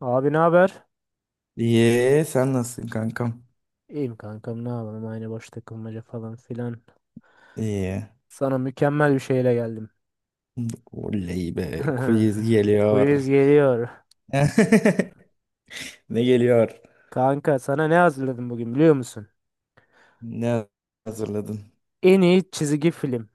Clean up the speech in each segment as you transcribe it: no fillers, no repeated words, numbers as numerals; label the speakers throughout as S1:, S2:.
S1: Abi ne haber?
S2: İyi, sen nasılsın kankam?
S1: İyiyim kankam, ne yapalım, aynı boş takılmaca falan filan.
S2: İyi.
S1: Sana mükemmel bir şeyle geldim.
S2: Oley be, quiz
S1: Quiz
S2: geliyor.
S1: geliyor.
S2: Ne geliyor?
S1: Kanka, sana ne hazırladım bugün biliyor musun?
S2: Ne hazırladın?
S1: En iyi çizgi film.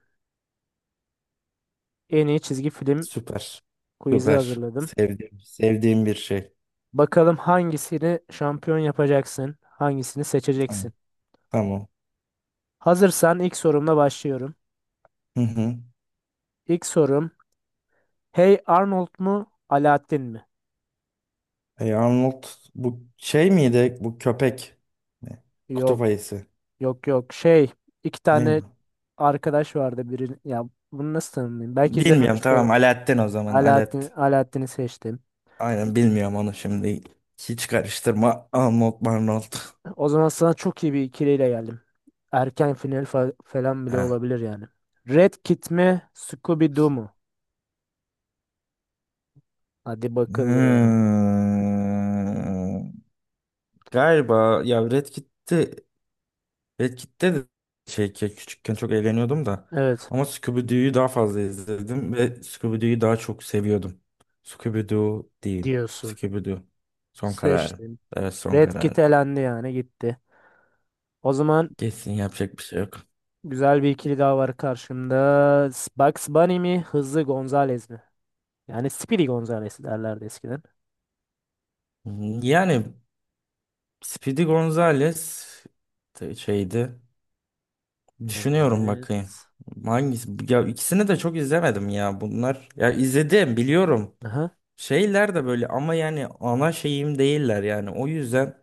S1: En iyi çizgi film
S2: Süper.
S1: quiz'i
S2: Süper.
S1: hazırladım.
S2: Sevdiğim bir şey.
S1: Bakalım hangisini şampiyon yapacaksın? Hangisini
S2: Tamam.
S1: seçeceksin?
S2: Tamam.
S1: Hazırsan ilk sorumla başlıyorum.
S2: Hı hı.
S1: İlk sorum, Hey Arnold mu? Aladdin mi?
S2: Arnold bu şey miydi? Bu köpek. Ne? Kutup
S1: Yok
S2: ayısı.
S1: yok yok iki
S2: Ne
S1: tane
S2: bu?
S1: arkadaş vardı biri. Ya bunu nasıl tanımlayayım? Belki
S2: Bilmiyorum,
S1: izlememiş de
S2: tamam
S1: olabilir.
S2: Alaaddin, o zaman Alaaddin.
S1: Alaaddin, Alaaddin'i seçtim.
S2: Aynen, bilmiyorum onu şimdi. Hiç karıştırma. Arnold Marnold.
S1: O zaman sana çok iyi bir ikiliyle geldim. Erken final falan bile
S2: Ha.
S1: olabilir yani. Red Kit mi, Scooby Doo mu? Hadi bakalım.
S2: Hmm. Galiba ya Red Kit'te de şey ki küçükken çok eğleniyordum da
S1: Evet.
S2: ama Scooby-Doo'yu daha fazla izledim ve Scooby-Doo'yu daha çok seviyordum. Scooby-Doo değil.
S1: Diyorsun.
S2: Scooby-Doo. Son kararım.
S1: Seçtim.
S2: Evet, son
S1: Red Kit
S2: kararım.
S1: elendi yani gitti. O zaman
S2: Kesin yapacak bir şey yok.
S1: güzel bir ikili daha var karşımda. Bugs Bunny mi, Hızlı Gonzales mi? Yani Speedy Gonzales derlerdi eskiden.
S2: Hmm, yani Speedy Gonzales şeydi. Düşünüyorum, bakayım.
S1: Evet.
S2: Hangisi? Ya ikisini de çok izlemedim ya bunlar. Ya izledim, biliyorum.
S1: Aha.
S2: Şeyler de böyle ama yani ana şeyim değiller yani. O yüzden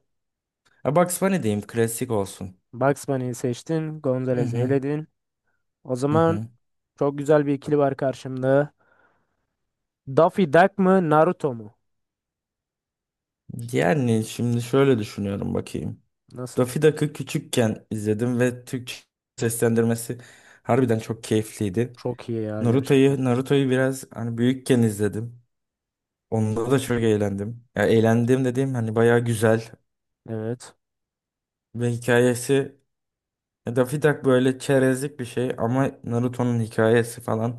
S2: ya Bugs Bunny diyeyim, klasik olsun.
S1: Bugs Bunny'yi seçtin.
S2: Hı
S1: Gonzalez'i
S2: hı.
S1: eledin. O
S2: Hı
S1: zaman
S2: hı.
S1: çok güzel bir ikili var karşımda. Daffy Duck mı Naruto mu?
S2: Yani şimdi şöyle düşünüyorum, bakayım.
S1: Nasıl?
S2: Daffy Duck'ı küçükken izledim ve Türkçe seslendirmesi harbiden çok keyifliydi.
S1: Çok iyi ya gerçekten.
S2: Naruto'yu biraz hani büyükken izledim. Onda da çok eğlendim. Ya eğlendim dediğim hani bayağı güzel
S1: Evet.
S2: ve hikayesi, ya Daffy Duck böyle çerezlik bir şey ama Naruto'nun hikayesi falan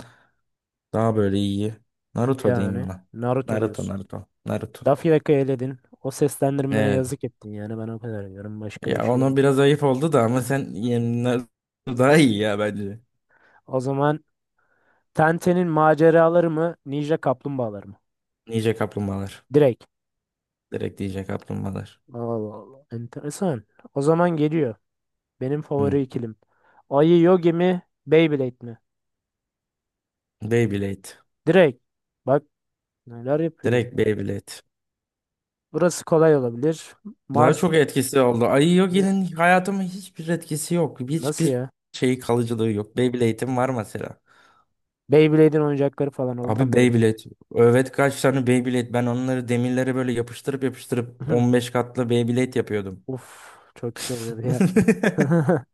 S2: daha böyle iyi. Naruto diyeyim
S1: Yani
S2: buna.
S1: Naruto
S2: Naruto,
S1: diyorsun.
S2: Naruto, Naruto.
S1: Daffy Duck'ı eledin. O seslendirmene
S2: Evet.
S1: yazık ettin yani. Ben o kadar diyorum. Başka da bir
S2: Ya
S1: şey
S2: ona
S1: demiyorum.
S2: biraz ayıp oldu da ama sen yani Naruto daha iyi ya bence.
S1: O zaman Tenten'in maceraları mı? Ninja kaplumbağaları mı?
S2: Ninja kaplumbağalar.
S1: Direkt.
S2: Direkt Ninja kaplumbağalar.
S1: Allah Allah. Enteresan. O zaman geliyor. Benim
S2: Hı.
S1: favori ikilim. Ayı Yogi mi? Beyblade mi?
S2: Beyblade.
S1: Direkt. Bak, neler yapıyor?
S2: Direkt Beyblade.
S1: Burası kolay olabilir.
S2: Daha
S1: Mars
S2: çok etkisi oldu. Ay
S1: Ne?
S2: Yogi'nin hayatıma hiçbir etkisi yok.
S1: Nasıl
S2: Hiçbir
S1: ya?
S2: şeyi, kalıcılığı yok. Beyblade'im var mesela.
S1: Beyblade'in oyuncakları falan oradan
S2: Abi
S1: mı yürü?
S2: Beyblade. Evet, kaç tane Beyblade. Ben onları demirlere böyle yapıştırıp yapıştırıp 15 katlı Beyblade yapıyordum.
S1: Uf, çok iyi oluyordu ya.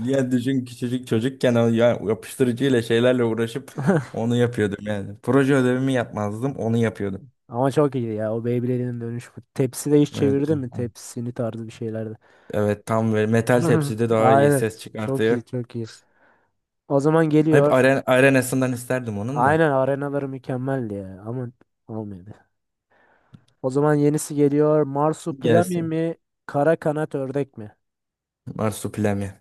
S2: Ya düşün, küçücük çocukken o ya yapıştırıcıyla şeylerle uğraşıp onu yapıyordum yani. Proje ödevimi yapmazdım, onu yapıyordum.
S1: Ama çok iyi ya o Beyblade'in dönüşü. Tepsi de hiç
S2: Evet.
S1: çevirdi mi? Tepsini tarzı bir şeylerde.
S2: Evet, tam böyle metal tepside daha iyi
S1: Aynen.
S2: ses
S1: Çok
S2: çıkartıyor.
S1: iyi, çok iyi. O zaman
S2: Hep
S1: geliyor.
S2: arenasından isterdim onun da.
S1: Aynen, arenaları mükemmeldi ya ama olmadı. O zaman yenisi geliyor. Marsupilami
S2: Gelsin.
S1: mi? Kara kanat ördek mi?
S2: Marsupilami.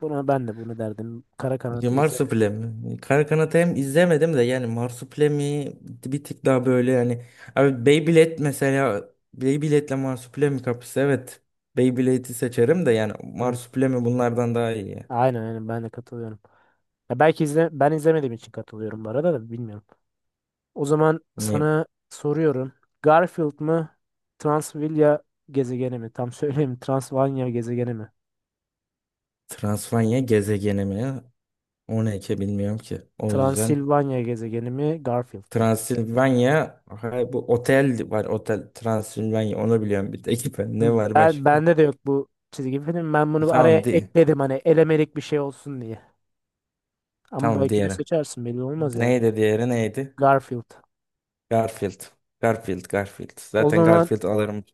S1: Buna ben de bunu derdim. Kara
S2: Ya
S1: kanat izlemedim.
S2: Marsupilami. Kara Kanat'ı hem izlemedim de yani Marsupilami bir tık daha böyle yani. Abi Beyblade mesela, Beyblade'le Marsupilami kapısı evet. Beyblade'i seçerim de yani
S1: Hmm.
S2: Marsupilami bunlardan daha iyi ya.
S1: Aynen aynen, ben de katılıyorum. Ya belki izle, ben izlemediğim için katılıyorum bu arada da bilmiyorum. O zaman
S2: Ne?
S1: sana soruyorum. Garfield mı? Transvilya gezegeni mi? Tam söyleyeyim. Transvanya gezegeni mi?
S2: Transvanya gezegeni mi? O ne ki bilmiyorum ki. O yüzden
S1: Transilvanya gezegeni mi? Garfield mı?
S2: Transilvanya ha, bu otel var, otel Transilvanya, onu biliyorum bir tek. Ne var
S1: Ben
S2: başka?
S1: bende de yok bu çizgi film. Ben bunu araya
S2: Tamam di.
S1: ekledim hani elemelik bir şey olsun diye. Ama
S2: Tamam,
S1: belki de
S2: diğeri.
S1: seçersin, belli olmaz yani.
S2: Neydi diğeri, neydi?
S1: Garfield.
S2: Garfield. Garfield, Garfield.
S1: O
S2: Zaten
S1: zaman
S2: Garfield alırım.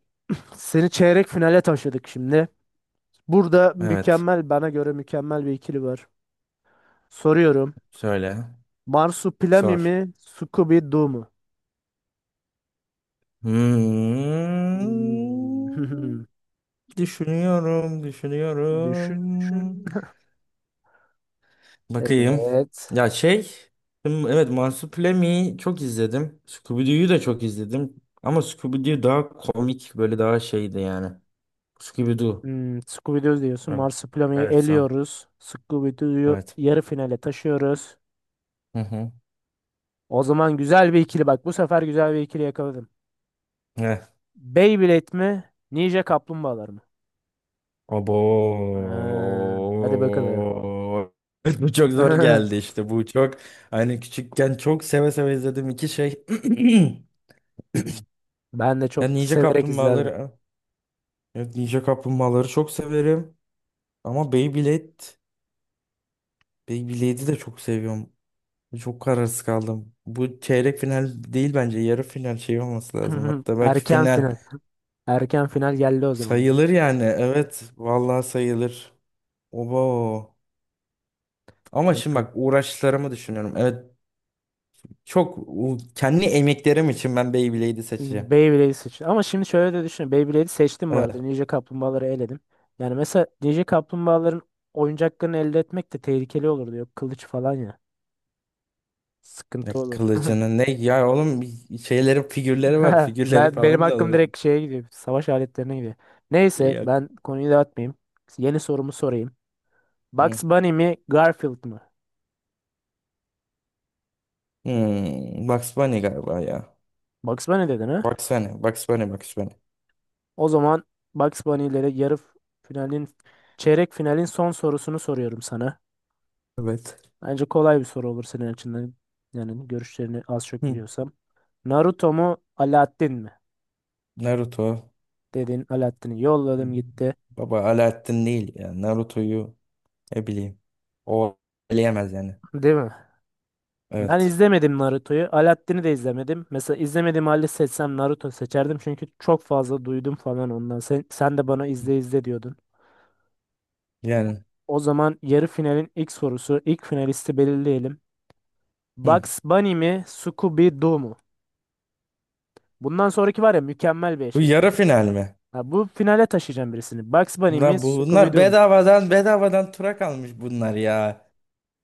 S1: seni çeyrek finale taşıdık şimdi. Burada
S2: Evet.
S1: mükemmel, bana göre mükemmel bir ikili var. Soruyorum.
S2: Söyle.
S1: Marsupilami
S2: Sor.
S1: mi? Scooby-Doo mu?
S2: Hmm.
S1: Hmm.
S2: Düşünüyorum,
S1: Düşün düşün.
S2: düşünüyorum. Bakayım.
S1: Evet.
S2: Ya şey, hmm, evet Marsupilami çok izledim. Scooby-Doo'yu da çok izledim. Ama Scooby-Doo daha komik, böyle daha şeydi yani. Scooby-Doo.
S1: Hmm, Scooby-Doo diyorsun.
S2: Evet.
S1: Marsupilami'yi
S2: Evet, sağ ol.
S1: eliyoruz. Scooby-Doo'yu
S2: Evet.
S1: yarı finale taşıyoruz.
S2: Hı hı.
S1: O zaman güzel bir ikili bak. Bu sefer güzel bir ikili yakaladım. Beyblade mi? Ninja Kaplumbağalar mı?
S2: Abo.
S1: Ha, hadi bakalım.
S2: Bu çok zor geldi işte. Bu çok hani küçükken çok seve seve izledim iki şey.
S1: Hmm. Ben de
S2: Ben
S1: çok
S2: Ninja
S1: severek izlerdim.
S2: Kaplumbağaları, evet, Ninja Kaplumbağaları çok severim. Ama Beyblade'i de çok seviyorum. Çok kararsız kaldım. Bu çeyrek final değil bence. Yarı final şey olması lazım. Hatta belki
S1: Erken
S2: final
S1: final. Erken final geldi o zaman diyor.
S2: sayılır yani. Evet, vallahi sayılır. Obo. Ama şimdi
S1: Bakalım.
S2: bak, uğraşlarımı düşünüyorum. Evet, çok kendi emeklerim için ben Beyblade'i seçeceğim.
S1: Beyblade'i seçtim. Ama şimdi şöyle de düşün. Beyblade'i seçtim bu arada.
S2: Evet.
S1: Ninja Kaplumbağaları eledim. Yani mesela Ninja Kaplumbağaların oyuncaklarını elde etmek de tehlikeli olurdu. Yok kılıç falan ya.
S2: Ya
S1: Sıkıntı olur.
S2: kılıcının ne ya oğlum, şeyleri figürleri var, figürleri
S1: Benim
S2: falan da
S1: hakkım
S2: alırdım.
S1: direkt şeye gidiyor. Savaş aletlerine gidiyor. Neyse
S2: Yok.
S1: ben konuyu dağıtmayayım. Yeni sorumu sorayım.
S2: Hı.
S1: Bugs Bunny mi Garfield mı?
S2: Hmm. Bugs Bunny galiba ya.
S1: Bugs Bunny dedin ha?
S2: Bugs Bunny, Bugs Bunny, Bugs Bunny.
S1: O zaman Bugs Bunny ile de yarı finalin çeyrek finalin son sorusunu soruyorum sana.
S2: Evet.
S1: Bence kolay bir soru olur senin açından. Yani görüşlerini az çok
S2: Hı.
S1: biliyorsam. Naruto mu Alaaddin mi?
S2: Naruto.
S1: Dedin, Alaaddin'i
S2: Hı.
S1: yolladım gitti.
S2: Baba Alaaddin değil ya. Naruto'yu ne bileyim. O eleyemez yani.
S1: Değil mi? Ben
S2: Evet.
S1: izlemedim Naruto'yu. Alaaddin'i de izlemedim. Mesela izlemediğim halde seçsem Naruto seçerdim. Çünkü çok fazla duydum falan ondan. Sen de bana izle izle diyordun.
S2: Yani.
S1: O zaman yarı finalin ilk sorusu. İlk finalisti belirleyelim.
S2: Hı.
S1: Bugs Bunny mi Scooby-Doo mu? Bundan sonraki var ya mükemmel bir
S2: Bu
S1: eşleşme.
S2: yarı final mi?
S1: Ha, bu finale taşıyacağım birisini. Bugs Bunny mi
S2: Bunlar
S1: Scooby-Doo?
S2: bedavadan tura kalmış bunlar ya.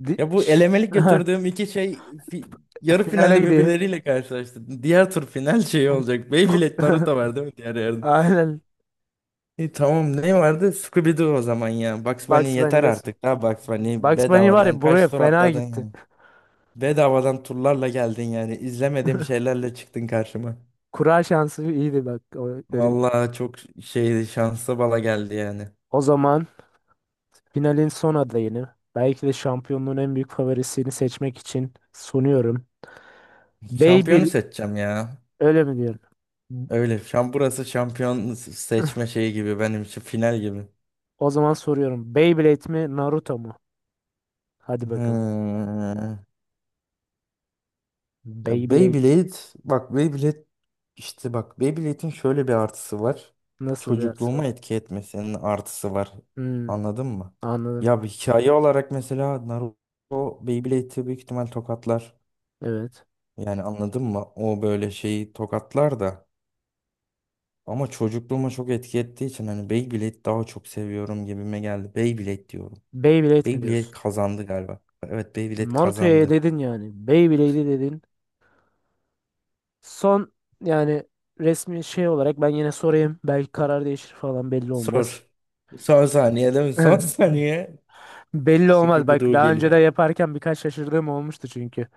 S1: Di-
S2: Ya bu elemelik götürdüğüm iki şey fi- yarı
S1: Finale
S2: finalde
S1: gidiyor.
S2: birbirleriyle karşılaştı. Diğer tur final şeyi olacak.
S1: Ku-
S2: Beyblade Naruto var değil mi diğer yarın?
S1: Aynen.
S2: Tamam, ne vardı? Scooby-Doo o zaman ya. Bugs Bunny
S1: Bugs Bunny
S2: yeter
S1: ile
S2: artık. Ha Bugs Bunny
S1: Bugs Bunny var
S2: bedavadan
S1: ya, buraya
S2: kaç tur
S1: fena
S2: atladın
S1: gitti.
S2: ya. Bedavadan turlarla geldin yani. İzlemediğim şeylerle çıktın karşıma.
S1: Kura şansı iyiydi bak. O, öyle.
S2: Vallahi çok şeydi, şanslı bala geldi yani.
S1: O zaman finalin son adayını, belki de şampiyonluğun en büyük favorisini seçmek için sunuyorum.
S2: Şampiyonu
S1: Beyblade,
S2: seçeceğim ya.
S1: öyle mi diyorum?
S2: Öyle. Şam burası şampiyon seçme şeyi gibi, benim için final gibi.
S1: O zaman soruyorum. Beyblade mi Naruto mu? Hadi bakalım.
S2: Hmm. Ya
S1: Beyblade,
S2: Beyblade, bak Beyblade, işte bak Beyblade'in şöyle bir artısı var.
S1: nasıl bir yarış
S2: Çocukluğuma
S1: var?
S2: etki etmesinin artısı var.
S1: Hmm,
S2: Anladın mı?
S1: anladım.
S2: Ya bir hikaye olarak mesela Naruto Beyblade'i büyük ihtimal tokatlar.
S1: Evet.
S2: Yani anladın mı? O böyle şeyi tokatlar da. Ama çocukluğuma çok etki ettiği için hani Beyblade daha çok seviyorum gibime geldi. Beyblade diyorum.
S1: Beyblade mi
S2: Beyblade
S1: diyorsun?
S2: kazandı galiba. Evet, Beyblade
S1: Naruto'ya
S2: kazandı.
S1: dedin yani. Beyblade'e dedin. Son, yani resmi şey olarak ben yine sorayım. Belki karar değişir falan, belli
S2: Sor.
S1: olmaz.
S2: Son saniyede mi? Son saniye.
S1: Belli olmaz. Bak,
S2: Scooby-Doo
S1: daha önce de
S2: geliyor.
S1: yaparken birkaç şaşırdığım olmuştu çünkü.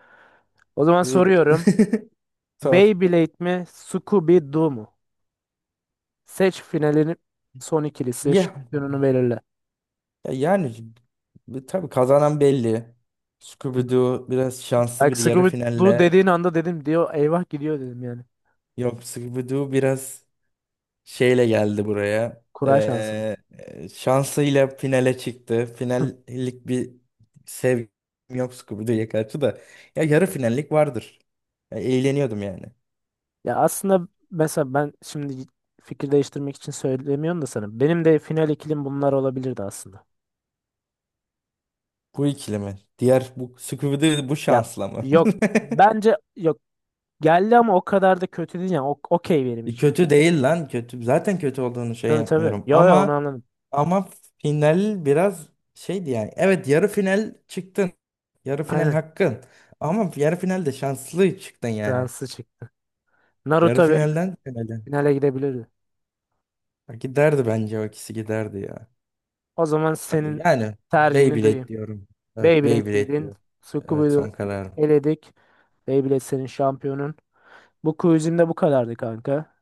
S1: O zaman
S2: Bir
S1: soruyorum.
S2: de- Sor.
S1: Beyblade mi? Scooby-Doo mu? Seç finalini, son ikilisi.
S2: Ya,
S1: Şampiyonunu belirle.
S2: ya yani bu tabii kazanan belli. Scooby-Doo biraz şanslı
S1: Bak,
S2: bir yarı
S1: Scooby-Doo
S2: finalle.
S1: dediğin anda dedim, diyor. Eyvah gidiyor dedim yani.
S2: Yok, Scooby-Doo biraz şeyle geldi buraya.
S1: Kura şansı
S2: Şansıyla finale çıktı. Finallik bir sevgim yok Scooby-Doo'ya karşı da. Ya yarı finallik vardır. Ya, eğleniyordum yani.
S1: Ya aslında mesela ben şimdi fikir değiştirmek için söylemiyorum da sana. Benim de final ikilim bunlar olabilirdi aslında.
S2: Bu ikili mi? Diğer bu Scooby-Doo bu
S1: Ya
S2: şansla mı?
S1: yok bence yok geldi ama o kadar da kötü değil yani. Okey benim için.
S2: Kötü değil lan, kötü. Zaten kötü olduğunu şey
S1: Tabii tabii.
S2: yapmıyorum
S1: Yo yo onu
S2: ama,
S1: anladım.
S2: ama final biraz şeydi yani. Evet, yarı final çıktın. Yarı final
S1: Aynen.
S2: hakkın. Ama yarı finalde şanslı çıktın yani.
S1: Fransız çık.
S2: Yarı
S1: Naruto Beyblade
S2: finalden finale.
S1: finale gidebilirdi.
S2: Ha, giderdi bence, o ikisi giderdi ya.
S1: O zaman senin
S2: Yani
S1: tercihini
S2: Beyblade
S1: duyayım.
S2: diyorum. Evet,
S1: Beyblade
S2: Beyblade
S1: dedin.
S2: diyorum. Evet,
S1: Tsukuba'yı
S2: son kararım.
S1: eledik. Beyblade senin şampiyonun. Bu quizim de bu kadardı kanka.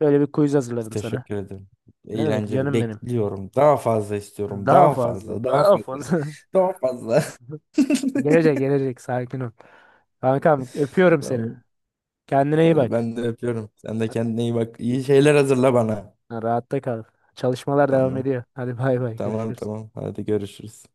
S1: Böyle bir quiz hazırladım sana.
S2: Teşekkür ederim.
S1: Ne demek
S2: Eğlenceli.
S1: canım benim.
S2: Bekliyorum. Daha fazla istiyorum.
S1: Daha
S2: Daha
S1: fazla,
S2: fazla. Daha
S1: daha
S2: fazla.
S1: fazla.
S2: Daha fazla.
S1: Gelecek, gelecek. Sakin ol. Kankam, öpüyorum seni.
S2: Tamam.
S1: Kendine iyi
S2: Hadi
S1: bak.
S2: ben de öpüyorum. Sen de kendine iyi bak. İyi şeyler hazırla bana.
S1: Ha, rahatta kal. Çalışmalar devam
S2: Tamam.
S1: ediyor. Hadi bay bay,
S2: Tamam
S1: görüşürüz.
S2: tamam. Hadi görüşürüz.